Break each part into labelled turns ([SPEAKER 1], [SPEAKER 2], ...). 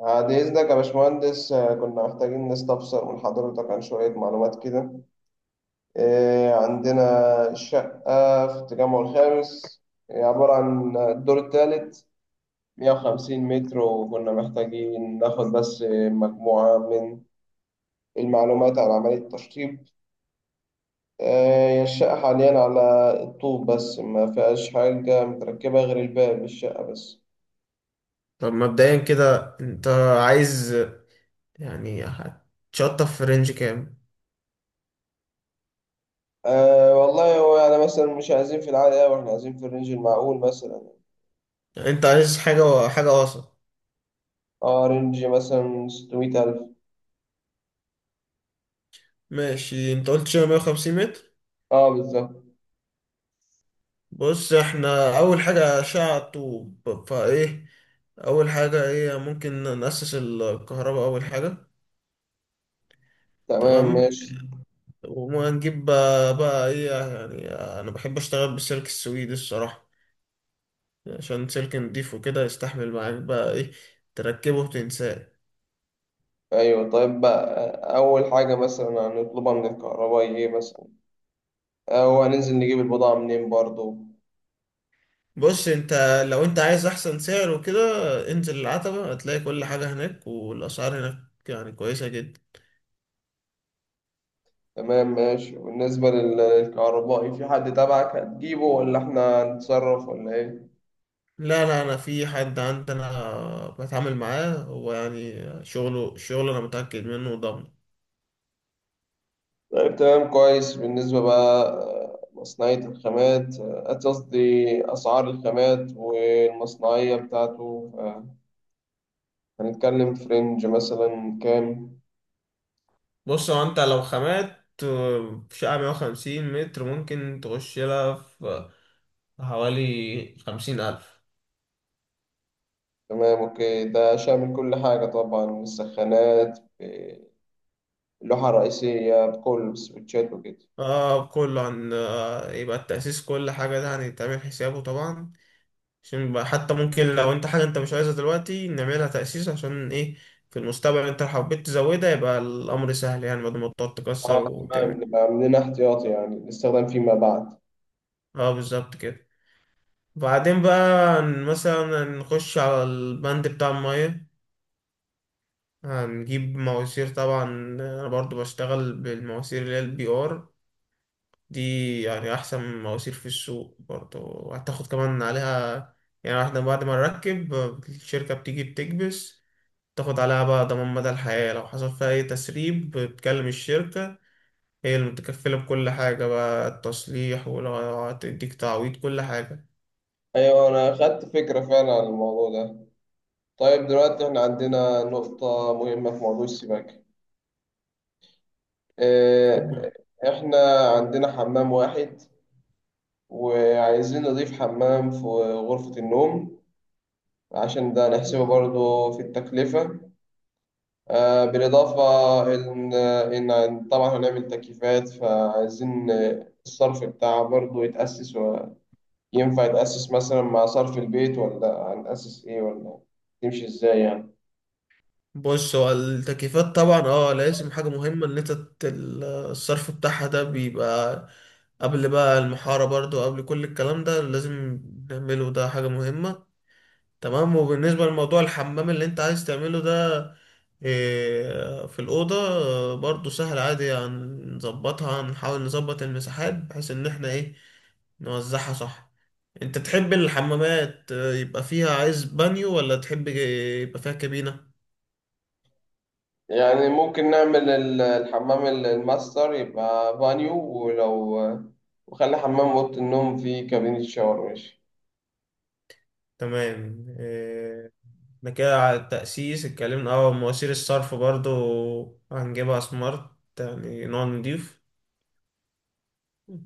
[SPEAKER 1] بعد إذنك يا باشمهندس، كنا محتاجين نستفسر من حضرتك عن شوية معلومات كده. آه، عندنا شقة في التجمع الخامس، هي عبارة عن الدور الثالث، 150 متر، وكنا محتاجين ناخد بس مجموعة من المعلومات عن عملية التشطيب. آه، هي الشقة حاليا على الطوب، بس ما فيهاش حاجة متركبة غير الباب الشقة بس.
[SPEAKER 2] طب مبدئيا كده انت عايز، هتشطف في رينج كام؟
[SPEAKER 1] أه والله، هو يعني مثلا مش عايزين في العالي أوي، إحنا عايزين في الرينج المعقول مثلا.
[SPEAKER 2] يعني انت عايز حاجة حاجة وسط.
[SPEAKER 1] اه، رينج مثلا 600 ألف.
[SPEAKER 2] ماشي، انت قلت شبه 150 متر.
[SPEAKER 1] اه بالظبط،
[SPEAKER 2] بص، احنا اول حاجة اشعة طوب فايه. اول حاجة ايه؟ ممكن نأسس الكهرباء اول حاجة.
[SPEAKER 1] تمام
[SPEAKER 2] تمام.
[SPEAKER 1] ماشي.
[SPEAKER 2] وهنجيب بقى ايه؟ يعني انا بحب اشتغل بالسلك السويدي الصراحة، عشان سلك نضيف وكده يستحمل معاك. بقى ايه؟ تركبه وتنساه.
[SPEAKER 1] أيوة، طيب بقى، أول حاجة مثلا هنطلبها من الكهربائي إيه مثلا؟ أو هننزل نجيب البضاعة منين برضو؟
[SPEAKER 2] بص انت، لو انت عايز احسن سعر وكده، انزل العتبة هتلاقي كل حاجة هناك والاسعار هناك، يعني كويسة جدا.
[SPEAKER 1] تمام ماشي. وبالنسبة للكهربائي، في حد تبعك هتجيبه، ولا إحنا هنتصرف ولا إيه؟
[SPEAKER 2] لا لا، انا في حد عندنا بتعامل معاه، هو يعني شغله شغله، انا متأكد منه وضامن.
[SPEAKER 1] طيب تمام كويس. بالنسبة بقى مصنعية الخامات، قصدي أسعار الخامات والمصنعية بتاعته، آه، هنتكلم في رينج مثلا كام؟
[SPEAKER 2] بص هو انت لو خامات في شقة 150 متر ممكن تخش لها في حوالي 50,000.
[SPEAKER 1] تمام اوكي، ده شامل كل حاجة طبعا؟ السخانات، اللوحة الرئيسية بكل السويتشات وكده.
[SPEAKER 2] اه، كله عن، يبقى التأسيس كل حاجة ده هنتعمل حسابه طبعا، عشان يبقى حتى ممكن لو انت حاجة انت مش عايزها دلوقتي نعملها تأسيس. عشان ايه؟ في المستقبل انت لو حبيت تزودها يبقى الأمر سهل، يعني بدل ما تقعد تكسر
[SPEAKER 1] اه
[SPEAKER 2] وتعمل.
[SPEAKER 1] تمام، نبقى عاملين احتياطي يعني الاستخدام فيما بعد.
[SPEAKER 2] اه بالظبط كده. بعدين بقى مثلا نخش على البند بتاع المية. هنجيب مواسير، طبعا انا برضو بشتغل بالمواسير اللي هي البي ار دي، يعني احسن مواسير في السوق برضو، وهتاخد كمان عليها. يعني احنا بعد ما نركب، الشركة بتيجي بتكبس، تاخد عليها بقى ضمان مدى الحياة، لو حصل فيها أي تسريب بتكلم الشركة، هي اللي متكفلة بكل حاجة بقى، التصليح ولو هتديك تعويض كل حاجة.
[SPEAKER 1] ايوه، انا خدت فكرة فعلا عن الموضوع ده. طيب دلوقتي احنا عندنا نقطة مهمة في موضوع السباكة. آه، احنا عندنا حمام واحد، وعايزين نضيف حمام في غرفة النوم، عشان ده نحسبه برضه في التكلفة. آه، بالإضافة إن طبعا هنعمل تكييفات، فعايزين الصرف بتاعها برضه يتأسس. وينفع يتأسس مثلا مع صرف البيت، ولا هنأسس إيه، ولا تمشي إزاي يعني؟
[SPEAKER 2] بص، هو التكييفات طبعا اه لازم حاجة مهمة ان انت الصرف بتاعها ده بيبقى قبل بقى المحارة برضو، قبل كل الكلام ده لازم نعمله، ده حاجة مهمة. تمام، وبالنسبة لموضوع الحمام اللي انت عايز تعمله ده في الأوضة، برضو سهل عادي، هنظبطها، هنحاول نظبط المساحات بحيث ان احنا ايه نوزعها صح. انت تحب الحمامات يبقى فيها عايز بانيو، ولا تحب يبقى فيها كابينة؟
[SPEAKER 1] يعني ممكن نعمل الحمام الماستر يبقى بانيو، ولو وخلي حمام أوضة النوم فيه كابينة شاور، ماشي.
[SPEAKER 2] تمام، احنا كده على التأسيس اتكلمنا. اه، مواسير الصرف برضو هنجيبها سمارت، يعني نوع نضيف.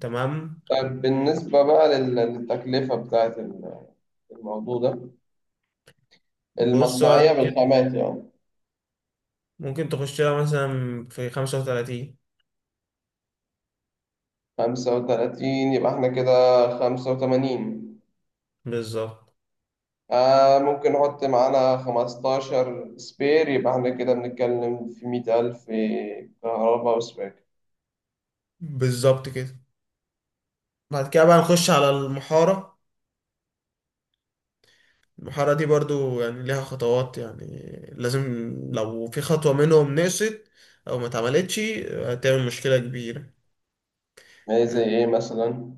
[SPEAKER 2] تمام.
[SPEAKER 1] طيب بالنسبة بقى للتكلفة بتاعت الموضوع ده،
[SPEAKER 2] بص
[SPEAKER 1] المصنعية بالخامات يعني.
[SPEAKER 2] ممكن تخش لها مثلا في 35.
[SPEAKER 1] 35، يبقى احنا كده 85.
[SPEAKER 2] بالظبط
[SPEAKER 1] آه، ممكن نحط معانا 15 سبير، يبقى احنا كده بنتكلم في 100 ألف، كهرباء وسباك.
[SPEAKER 2] بالظبط كده. بعد كده بقى نخش على المحارة. المحارة دي برضو يعني ليها خطوات يعني، لازم لو في خطوة منهم نقصت أو ما اتعملتش هتعمل مشكلة كبيرة.
[SPEAKER 1] زي ايه مثلا؟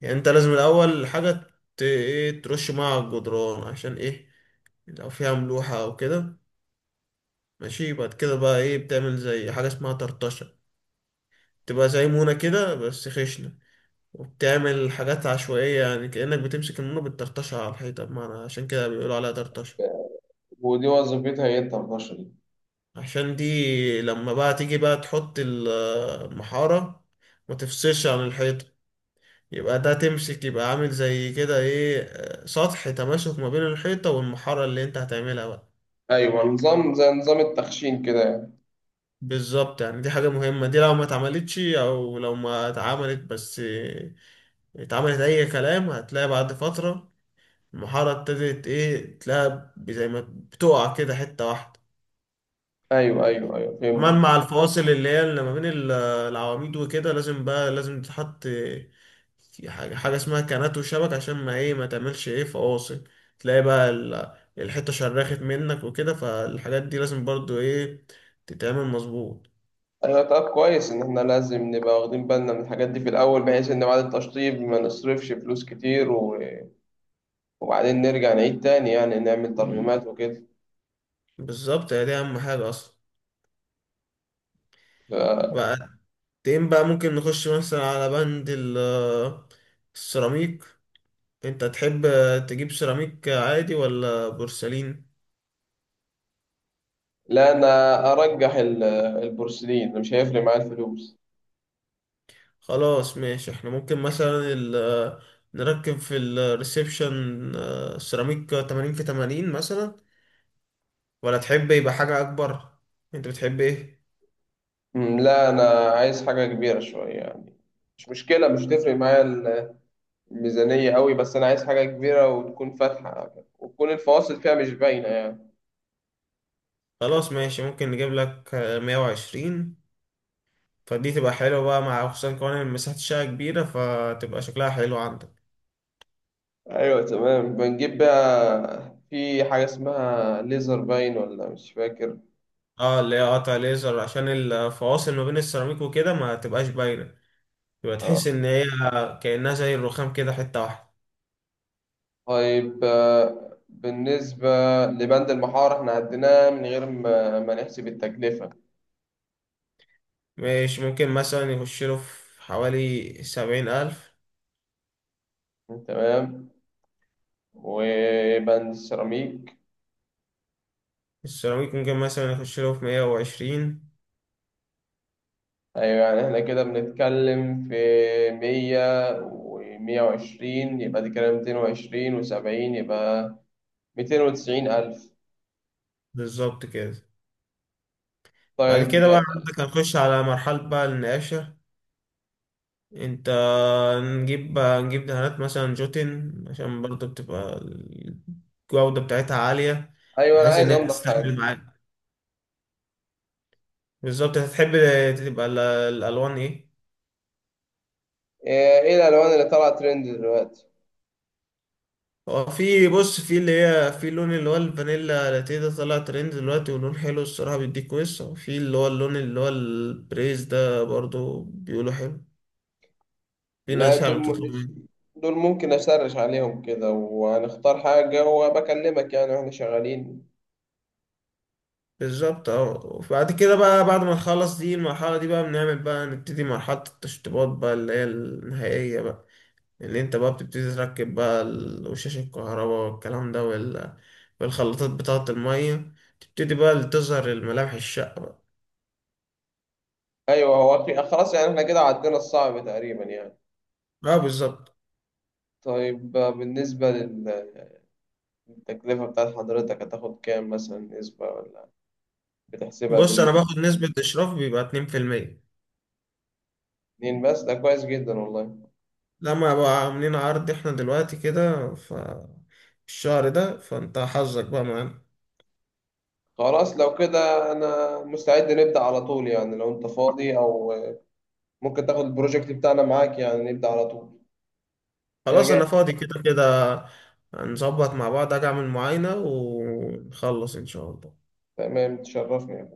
[SPEAKER 2] يعني أنت لازم الأول حاجة ت- إيه ترش مع الجدران. عشان إيه؟ لو فيها ملوحة أو كده. ماشي، بعد كده بقى إيه؟ بتعمل زي حاجة اسمها طرطشة، تبقى زي مونة كده بس خشنة، وبتعمل حاجات عشوائية يعني، كأنك بتمسك النور بتطرطشها على الحيطة، بمعنى عشان كده بيقولوا عليها طرطشة.
[SPEAKER 1] ودي وظيفتها ايه التلتاشر دي؟
[SPEAKER 2] عشان دي لما بقى تيجي بقى تحط المحارة، ما تفصلش عن الحيطة، يبقى ده تمسك، يبقى عامل زي كده ايه، سطح تماسك ما بين الحيطة والمحارة اللي انت هتعملها بقى.
[SPEAKER 1] أيوة، نظام زي نظام التخشين كده يعني.
[SPEAKER 2] بالظبط، يعني دي حاجة مهمة، دي لو ما اتعملتش او لو ما اتعملت بس، اتعملت اي كلام، هتلاقي بعد فترة المحاره ابتدت ايه، تلاقيها زي ما بتقع كده حته واحده.
[SPEAKER 1] أيوة، أيوة، أيوة، فهمت
[SPEAKER 2] كمان
[SPEAKER 1] الفكرة.
[SPEAKER 2] مع الفواصل اللي هي اللي ما بين العواميد وكده، لازم بقى لازم تتحط في حاجه حاجه اسمها كانات وشبك، عشان ما ايه ما تعملش ايه فواصل، تلاقي بقى الحته شرخت منك وكده، فالحاجات دي لازم برضو ايه تتعمل مظبوط.
[SPEAKER 1] أيوة طب كويس إن احنا لازم نبقى واخدين بالنا من الحاجات دي في الأول، بحيث إن بعد التشطيب ما نصرفش فلوس كتير، و... وبعدين نرجع نعيد تاني يعني، نعمل ترجمات وكده.
[SPEAKER 2] بالظبط، هي دي اهم حاجه اصلا.
[SPEAKER 1] آه،
[SPEAKER 2] بقى تين بقى، ممكن نخش مثلا على بند السيراميك. انت تحب تجيب سيراميك عادي ولا بورسلين؟
[SPEAKER 1] لا أنا أرجح البورسلين، مش هيفرق معايا الفلوس.
[SPEAKER 2] خلاص ماشي، احنا ممكن مثلا نركب في الريسبشن، سيراميك 80 في 80 مثلا، ولا تحب يبقى حاجة اكبر؟ انت بتحب ايه؟
[SPEAKER 1] لا، أنا عايز حاجة كبيرة شوية يعني، مش مشكلة، مش هتفرق معايا الميزانية قوي، بس أنا عايز حاجة كبيرة وتكون فاتحة، وتكون الفواصل فيها مش باينة يعني.
[SPEAKER 2] خلاص ماشي، ممكن نجيب لك 120، فدي تبقى حلوة بقى، مع خصوصا كمان ان مساحة الشقة كبيرة فتبقى شكلها حلو عندك.
[SPEAKER 1] أيوة تمام. بنجيب بقى في حاجة اسمها ليزر باين، ولا مش فاكر؟
[SPEAKER 2] اه، اللي هي قطع ليزر عشان الفواصل ما بين السيراميك وكده ما تبقاش باينة، يبقى تحس
[SPEAKER 1] اه.
[SPEAKER 2] ان هي كأنها زي الرخام كده حتة واحدة.
[SPEAKER 1] طيب آه، بالنسبة لبند المحارة، احنا عديناه من غير ما نحسب التكلفة.
[SPEAKER 2] مش ممكن مثلا يخش له في حوالي 70 ألف.
[SPEAKER 1] تمام. وبند السيراميك؟
[SPEAKER 2] السيراميك ممكن مثلا يخش له في 120.
[SPEAKER 1] ايوه، يعني احنا كده بنتكلم في مية ومية وعشرين، يبقى دي كده 220 وسبعين، يبقى 290 ألف.
[SPEAKER 2] بالظبط كده. بعد
[SPEAKER 1] طيب.
[SPEAKER 2] كده بقى عندك هنخش على مرحلة بقى النقاشة. انت نجيب بقى، نجيب دهانات مثلا جوتن، عشان برضه بتبقى الجودة بتاعتها عالية،
[SPEAKER 1] أيوة، أنا
[SPEAKER 2] بحيث
[SPEAKER 1] عايز
[SPEAKER 2] إنها
[SPEAKER 1] أنضف
[SPEAKER 2] تستحمل
[SPEAKER 1] حاجة.
[SPEAKER 2] معاك. بالظبط، هتحب تبقى الألوان إيه؟
[SPEAKER 1] إيه إيه الألوان اللي طالعة ترند دلوقتي؟
[SPEAKER 2] هو في، بص، في اللي هي في اللون اللي هو الفانيلا لاتيه، ده طلع ترند دلوقتي، ولون حلو الصراحة، بيديك وش. وفي اللي هو اللون اللي هو البريز، ده برضو بيقولوا حلو، في
[SPEAKER 1] لا،
[SPEAKER 2] ناس يعني بتطلب منه.
[SPEAKER 1] دول ممكن أسرش عليهم كده وهنختار حاجة وبكلمك يعني وإحنا شغالين.
[SPEAKER 2] بالظبط اه، وبعد كده بقى، بعد ما نخلص دي المرحلة دي بقى، بنعمل بقى نبتدي مرحلة التشطيبات بقى اللي هي النهائية بقى، اللي انت بقى بتبتدي تركب بقى وشاش الكهرباء والكلام ده والخلاطات بتاعة المية، تبتدي بقى تظهر الملامح الشقة بقى.
[SPEAKER 1] أيوة، خلاص يعني، إحنا كده عدينا الصعب تقريبا يعني.
[SPEAKER 2] اه بالظبط.
[SPEAKER 1] طيب بالنسبة للتكلفة بتاعت حضرتك، هتاخد كام مثلا، نسبة ولا بتحسبها
[SPEAKER 2] بص انا
[SPEAKER 1] بالمتر؟
[SPEAKER 2] باخد نسبة اشراف بيبقى 2%.
[SPEAKER 1] 2 بس؟ ده كويس جدا والله.
[SPEAKER 2] لما بقى عاملين عرض احنا دلوقتي كده ف الشهر ده، فانت حظك بقى معانا.
[SPEAKER 1] خلاص لو كده انا مستعد نبدأ على طول يعني، لو انت فاضي او ممكن تاخد البروجكت بتاعنا معاك، يعني نبدأ على طول. انا
[SPEAKER 2] خلاص
[SPEAKER 1] جاهز.
[SPEAKER 2] انا فاضي كده كده. هنظبط مع بعض، اجي اعمل معاينة ونخلص ان شاء الله.
[SPEAKER 1] تمام، تشرفني.